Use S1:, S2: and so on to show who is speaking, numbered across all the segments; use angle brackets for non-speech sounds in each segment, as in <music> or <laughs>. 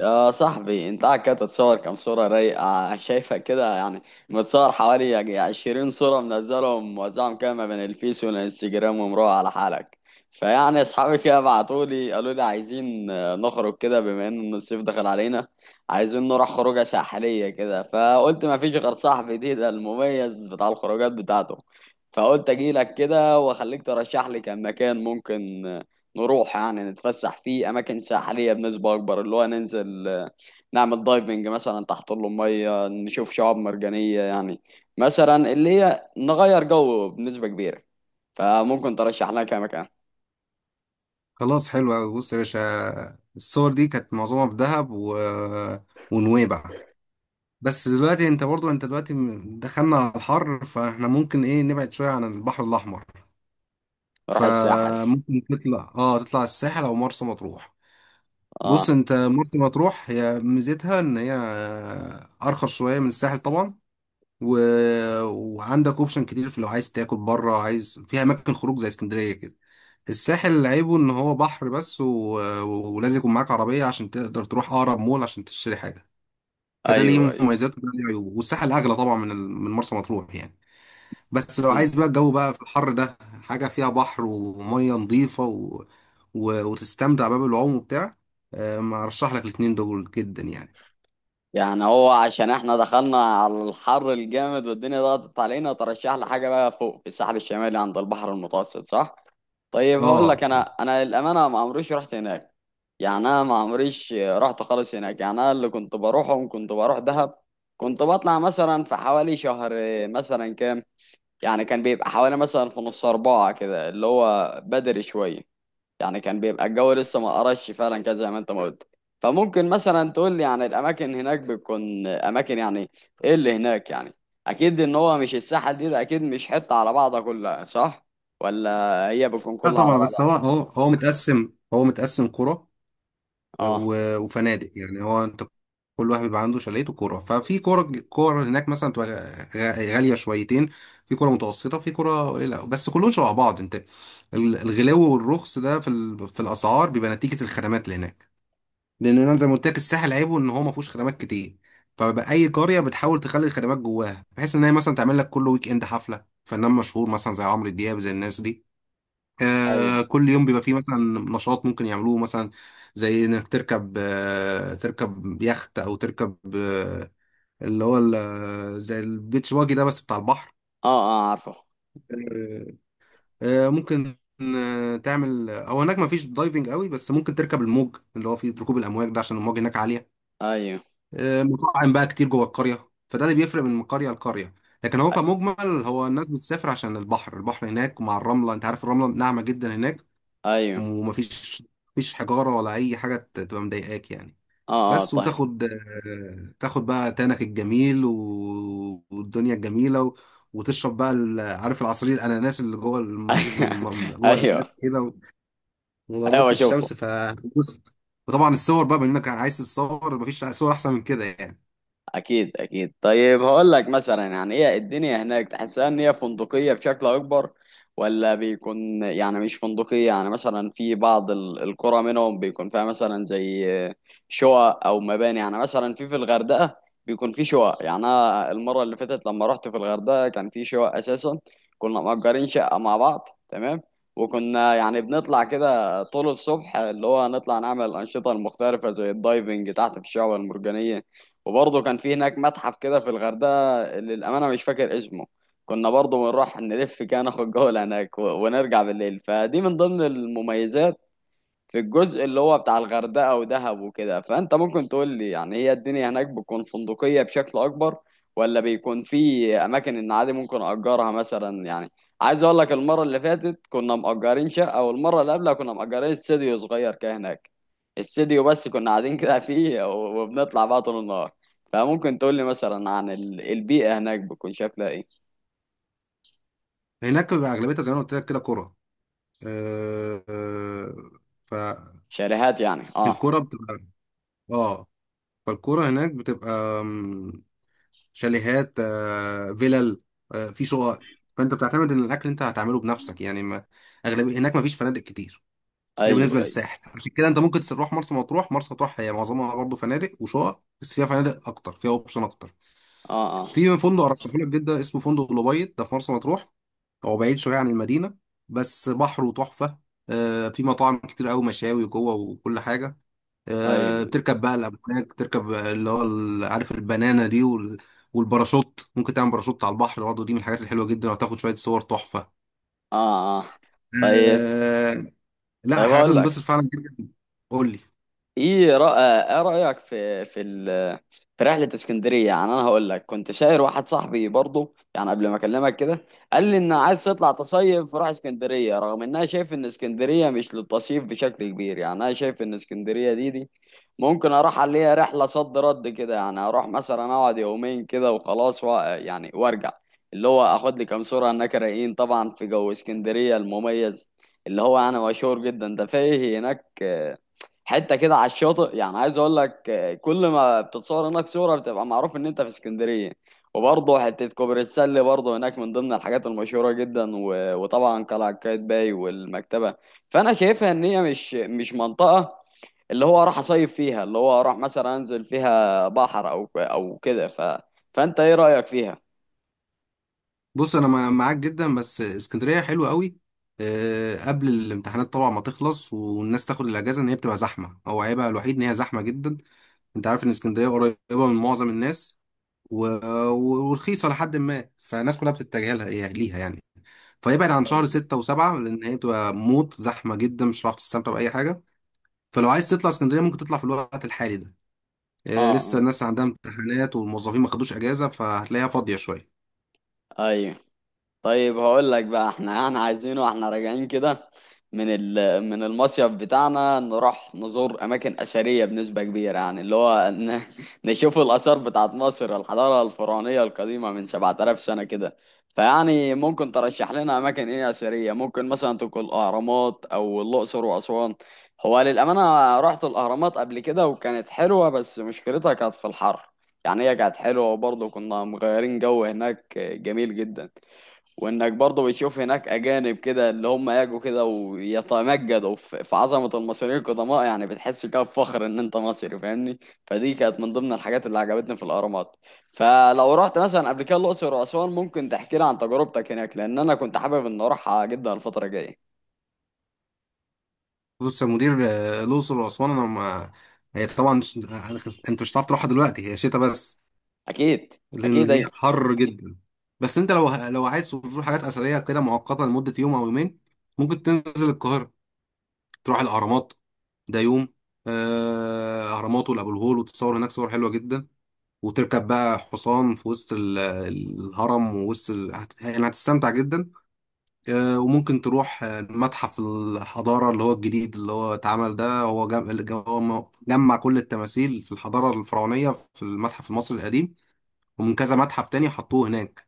S1: يا صاحبي، انت قاعد كده تتصور كام صورة رايقة؟ شايفة كده يعني متصور حوالي يعني 20 صورة، منزلهم موزعهم كده ما بين الفيس والانستجرام ومروح على حالك. فيعني اصحابي كده بعتولي قالوا لي عايزين نخرج كده، بما ان الصيف دخل علينا، عايزين نروح خروجة ساحلية كده. فقلت ما فيش غير صاحبي ده المميز بتاع الخروجات بتاعته، فقلت اجيلك كده واخليك ترشح لي كم مكان ممكن نروح يعني نتفسح في اماكن ساحليه بنسبه اكبر، اللي هو ننزل نعمل دايفنج مثلا تحت الميه، نشوف شعاب مرجانيه يعني، مثلا اللي هي نغير جو بنسبه كبيره. فممكن ترشح لنا كام مكان؟
S2: خلاص، حلو أوي، بص يا باشا. الصور دي كانت معظمها في دهب ونويبع. بس دلوقتي، انت برضو، انت دلوقتي دخلنا على الحر، فاحنا ممكن نبعد شوية عن البحر الأحمر.
S1: نروح الساحل.
S2: فممكن تطلع، تطلع الساحل أو مرسى مطروح. بص
S1: اه.
S2: انت، مرسى مطروح هي ميزتها ان هي أرخص شوية من الساحل طبعا، و... وعندك اوبشن كتير في لو عايز تاكل بره عايز، فيها أماكن خروج زي اسكندرية كده. الساحل عيبه ان هو بحر بس، ولازم يكون معاك عربية عشان تقدر تروح اقرب مول عشان تشتري حاجة. فده ليه
S1: ايوه، ايوه.
S2: مميزات وده ليه عيوب، والساحل اغلى طبعا من من مرسى مطروح يعني. بس لو
S1: اكيد.
S2: عايز بقى الجو بقى في الحر ده، حاجة فيها بحر ومية نظيفة، وتستمتع بقى بالعوم وبتاع. ما ارشح لك الاتنين دول جدا يعني.
S1: يعني هو عشان احنا دخلنا على الحر الجامد، والدنيا ضغطت علينا، ترشح لي حاجه بقى فوق في الساحل الشمالي عند البحر المتوسط، صح؟ طيب هقول
S2: اه.
S1: لك، انا للامانه ما عمريش رحت هناك، يعني انا ما عمريش رحت خالص هناك. يعني انا اللي كنت بروحهم كنت بروح دهب، كنت بطلع مثلا في حوالي شهر، مثلا كام، يعني كان بيبقى حوالي مثلا في نص أربعة كده، اللي هو بدري شوية، يعني كان بيبقى الجو لسه ما قرش فعلا، كده زي ما انت ما قلت. فممكن مثلا تقول لي يعني الأماكن هناك بتكون أماكن يعني إيه اللي هناك؟ يعني أكيد إن هو مش الساحل ده أكيد مش حتة على بعضها كلها، صح؟ ولا هي بتكون
S2: لا
S1: كلها على
S2: طبعا، بس
S1: بعضها؟
S2: هو متقسم قرى
S1: آه.
S2: وفنادق يعني. هو انت كل واحد بيبقى عنده شاليه وكوره، ففي كوره هناك مثلا تبقى غاليه شويتين، في كوره متوسطه، في كوره قليله، بس كلهم شبه بعض. انت الغلاوه والرخص ده في في الاسعار بيبقى نتيجه الخدمات اللي هناك. لان انا زي ما قلت لك، الساحل عيبه ان هو ما فيهوش خدمات كتير، فبقى اي قريه بتحاول تخلي الخدمات جواها، بحيث ان هي مثلا تعمل لك كل ويك اند حفله فنان مشهور، مثلا زي عمرو دياب، زي الناس دي.
S1: ايوه.
S2: كل يوم بيبقى فيه مثلا نشاط ممكن يعملوه، مثلا زي انك تركب، تركب يخت او تركب، آه، اللي هو ال- آه، زي البيتش باجي ده بس بتاع البحر.
S1: آه آه، عارفه.
S2: آه، ممكن تعمل، هو هناك ما فيش دايفنج قوي، بس ممكن تركب الموج اللي هو فيه ركوب الامواج ده، عشان الموج هناك عاليه.
S1: أيوه.
S2: مطاعم بقى كتير جوه القريه، فده اللي بيفرق من قريه لقريه. لكن هو كمجمل، هو الناس بتسافر عشان البحر، البحر هناك مع الرمله، انت عارف الرمله ناعمه جدا هناك،
S1: ايوه.
S2: ومفيش حجارة ولا أي حاجة تبقى مضايقاك يعني.
S1: اه اه،
S2: بس
S1: طيب.
S2: وتاخد، تاخد بقى تانك الجميل والدنيا الجميلة، وتشرب بقى عارف العصير الأناناس اللي جوه
S1: <laughs>
S2: جوه الأناناس
S1: ايوه.
S2: كده، ونضارة
S1: ايوه، بشوف.
S2: الشمس، فبص. وطبعا الصور بقى بما إنك عايز تتصور، مفيش صور أحسن من كده يعني.
S1: اكيد اكيد. طيب هقول لك مثلا، يعني ايه الدنيا هناك؟ تحسها ان هي فندقيه بشكل اكبر؟ ولا بيكون يعني مش فندقيه؟ يعني مثلا في بعض القرى منهم بيكون فيها مثلا زي شقق او مباني، يعني مثلا في الغردقه بيكون في شقق. يعني انا المره اللي فاتت لما رحت في الغردقه كان في شقق اساسا، كنا مأجرين شقه مع بعض، تمام؟ وكنا يعني بنطلع كده طول الصبح، اللي هو نطلع نعمل الأنشطة المختلفة زي الدايفنج تحت في الشعاب المرجانية. وبرضه كان في هناك متحف كده في الغردقة، اللي للأمانة مش فاكر اسمه، كنا برضه بنروح نلف كده، ناخد جولة هناك ونرجع بالليل. فدي من ضمن المميزات في الجزء اللي هو بتاع الغردقة ودهب وكده. فأنت ممكن تقول لي يعني هي الدنيا هناك بتكون فندقية بشكل أكبر؟ ولا بيكون في أماكن إن عادي ممكن أجرها مثلا؟ يعني عايز أقول لك، المرة اللي فاتت كنا مأجرين شقة، والمرة اللي قبلها كنا مأجرين استديو صغير كده هناك، استديو بس، كنا قاعدين كده فيه وبنطلع بقى طول النهار. فممكن تقول لي مثلا عن البيئة هناك بتكون شكلها إيه؟
S2: هناك بيبقى أغلبيتها زي ما أنا قلت لك كده كرة. آه، آه،
S1: شاليهات يعني، أه.
S2: فالكرة بتبقى، اه فالكرة هناك بتبقى، آمم، شاليهات، فيلل، في شقق. فانت بتعتمد ان الاكل انت هتعمله بنفسك يعني، ما اغلبيه هناك ما فيش فنادق كتير. ده بالنسبه
S1: أيوه أيوه.
S2: للساحل، عشان كده انت ممكن تروح مرسى مطروح. مرسى مطروح هي معظمها برضه فنادق وشقق، بس فيها فنادق اكتر، فيها اوبشن اكتر.
S1: أه أه.
S2: في فندق ارشحه لك جدا اسمه فندق لوبيت، ده في مرسى مطروح، هو بعيد شويه عن المدينه بس بحره تحفه. في مطاعم كتير قوي، مشاوي جوه وكل حاجه.
S1: أيوه.
S2: بتركب بقى الأمواج، بتركب اللي هو عارف البنانة دي والباراشوت. ممكن تعمل باراشوت على البحر برضه، دي من الحاجات الحلوة جدا، وهتاخد شوية صور تحفة.
S1: أه أه، طيب.
S2: آه، لا،
S1: طيب
S2: حاجات
S1: هقول
S2: هتنبسط
S1: لك،
S2: فعلا جدا. قول لي.
S1: ايه رأيك في رحلة اسكندرية؟ يعني انا هقول لك، كنت شاير واحد صاحبي برضه، يعني قبل ما اكلمك كده قال لي ان عايز تطلع تصيف روح اسكندرية، رغم ان انا شايف ان اسكندرية مش للتصيف بشكل كبير. يعني انا شايف ان اسكندرية دي ممكن اروح عليها رحلة صد رد كده، يعني اروح مثلا اقعد يومين كده وخلاص و... يعني وارجع، اللي هو اخد لي كام صورة هناك رايقين طبعا في جو اسكندرية المميز، اللي هو انا مشهور جدا ده فيه هناك، حته كده على الشاطئ. يعني عايز اقول لك، كل ما بتتصور هناك صوره بتبقى معروف ان انت في اسكندريه. وبرضه حته كوبري السله برضه هناك من ضمن الحاجات المشهوره جدا، وطبعا قلعه قايتباي والمكتبه. فانا شايفها ان هي مش منطقه اللي هو اروح اصيف فيها، اللي هو اروح مثلا انزل فيها بحر او كده ف فانت ايه رايك فيها؟
S2: بص أنا معاك جدا، بس اسكندرية حلوة قوي قبل الامتحانات طبعا ما تخلص والناس تاخد الأجازة، إن هي بتبقى زحمة. هو عيبها الوحيد إن هي زحمة جدا. أنت عارف إن اسكندرية قريبة من معظم الناس و... ورخيصة لحد ما، فالناس كلها بتتجه لها يعني، ليها يعني. فيبعد عن شهر
S1: اه
S2: ستة وسبعة، لأن هي بتبقى موت زحمة جدا، مش هتعرف تستمتع بأي حاجة. فلو عايز تطلع اسكندرية، ممكن تطلع في الوقت الحالي ده، لسه
S1: اه،
S2: الناس عندها امتحانات والموظفين ما خدوش أجازة، فهتلاقيها فاضية شوية.
S1: ايوه. طيب هقول لك بقى، احنا يعني عايزين واحنا راجعين كده من ال... من المصيف بتاعنا نروح نزور اماكن اثريه بنسبه كبيره، يعني اللي هو <laughs> نشوف الاثار بتاعت مصر، الحضاره الفرعونيه القديمه من 7,000 سنه كده. فيعني ممكن ترشح لنا اماكن ايه اثريه؟ ممكن مثلا تكون الاهرامات او الاقصر واسوان. هو للامانه رحت الاهرامات قبل كده وكانت حلوه، بس مشكلتها كانت في الحر. يعني هي كانت حلوه، وبرضه كنا مغيرين جو هناك جميل جدا، وانك برضه بتشوف هناك اجانب كده، اللي هم يجوا كده ويتمجدوا في عظمه المصريين القدماء. يعني بتحس كده بفخر ان انت مصري، فاهمني؟ فدي كانت من ضمن الحاجات اللي عجبتني في الاهرامات. فلو رحت مثلا قبل كده الاقصر واسوان ممكن تحكي لي عن تجربتك هناك، لان انا كنت حابب ان اروحها جدا الفتره الجايه.
S2: بص يا مدير، الأقصر وأسوان، أنا ما هي طبعا مش- آه، أنت مش هتعرف تروحها دلوقتي، هي شتاء بس،
S1: اكيد
S2: لأن
S1: اكيد.
S2: هي
S1: ايوه
S2: حر جدا. بس أنت لو عايز تزور حاجات أثرية كده مؤقتة لمدة يوم أو يومين، ممكن تنزل القاهرة تروح الأهرامات ديوم. اهرامات وابو الهول، وتصور هناك صور حلوه جدا، وتركب بقى حصان في وسط الهرم ووسط يعني هتستمتع جدا. وممكن تروح متحف الحضاره اللي هو الجديد اللي هو اتعمل ده، هو جم... اللي هو م- جمع كل التماثيل في الحضاره الفرعونيه في المتحف المصري القديم، ومن كذا متحف تاني حطوه هناك.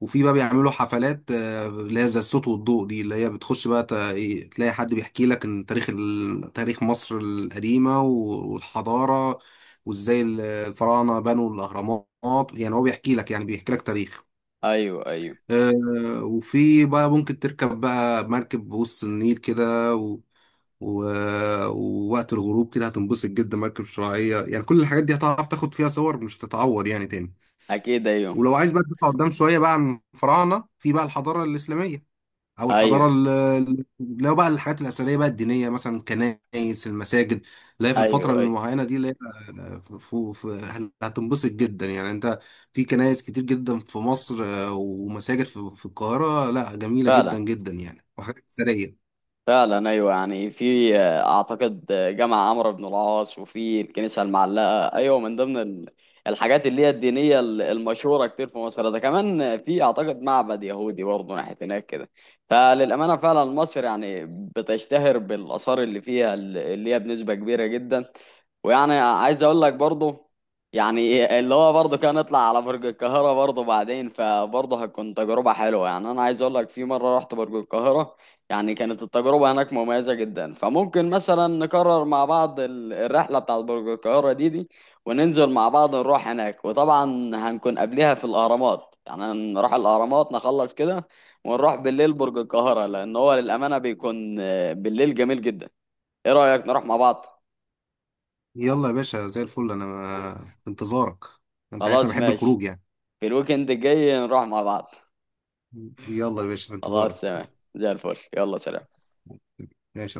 S2: وفي بقى بيعملوا حفلات اللي هي زي الصوت والضوء دي، اللي هي بتخش بقى إيه، تلاقي حد بيحكي لك عن تاريخ تاريخ مصر القديمة والحضارة، وازاي الفراعنة بنوا الأهرامات، يعني هو بيحكي لك، يعني بيحكي لك تاريخ.
S1: ايوه ايوه.
S2: وفي بقى ممكن تركب بقى مركب بوسط النيل كده، و... ووقت الغروب كده هتنبسط جدا، مركب شراعية يعني، كل الحاجات دي هتعرف تاخد فيها صور مش هتتعور يعني تاني.
S1: اكيد. ايوه
S2: ولو عايز بقى تطلع قدام شويه بقى عن الفراعنه، في بقى الحضاره الاسلاميه او
S1: ايوه.
S2: الحضاره لو بقى الحاجات الاثريه بقى الدينيه، مثلا الكنائس، المساجد اللي هي في الفتره
S1: ايوه ايوه.
S2: المعينه دي اللي هي، آه، ف- ف- هتنبسط جدا يعني انت. في كنائس كتير جدا في مصر، ومساجد في في القاهره، لا جميله
S1: فعلا.
S2: جدا جدا يعني، وحاجات اثريه.
S1: فعلا ايوه. يعني في اعتقد جامع عمرو بن العاص، وفي الكنيسه المعلقه، ايوه، من ضمن الحاجات اللي هي الدينيه المشهوره كتير في مصر. ده كمان في اعتقد معبد يهودي برضه ناحيه هناك كده. فللامانه فعلا مصر يعني بتشتهر بالاثار اللي فيها، اللي هي بنسبه كبيره جدا. ويعني عايز اقول لك برضه، يعني اللي هو برضه كان نطلع على برج القاهره برضه بعدين، فبرضه هتكون تجربه حلوه. يعني انا عايز اقول لك في مره رحت برج القاهره، يعني كانت التجربة هناك مميزة جدا. فممكن مثلا نكرر مع بعض الرحلة بتاعت برج القاهرة دي وننزل مع بعض نروح هناك. وطبعا هنكون قبلها في الأهرامات، يعني نروح الأهرامات نخلص كده، ونروح بالليل برج القاهرة، لأن هو للأمانة بيكون بالليل جميل جدا. إيه رأيك نروح مع بعض؟
S2: يلا يا باشا زي الفل، انا في انتظارك. انت عارف انا
S1: خلاص،
S2: بحب
S1: ماشي.
S2: الخروج يعني.
S1: في الويكند الجاي نروح مع بعض.
S2: يلا يا باشا في انتظارك.
S1: خلاص، تمام. زي الفل، يلا، سلام.
S2: ماشي.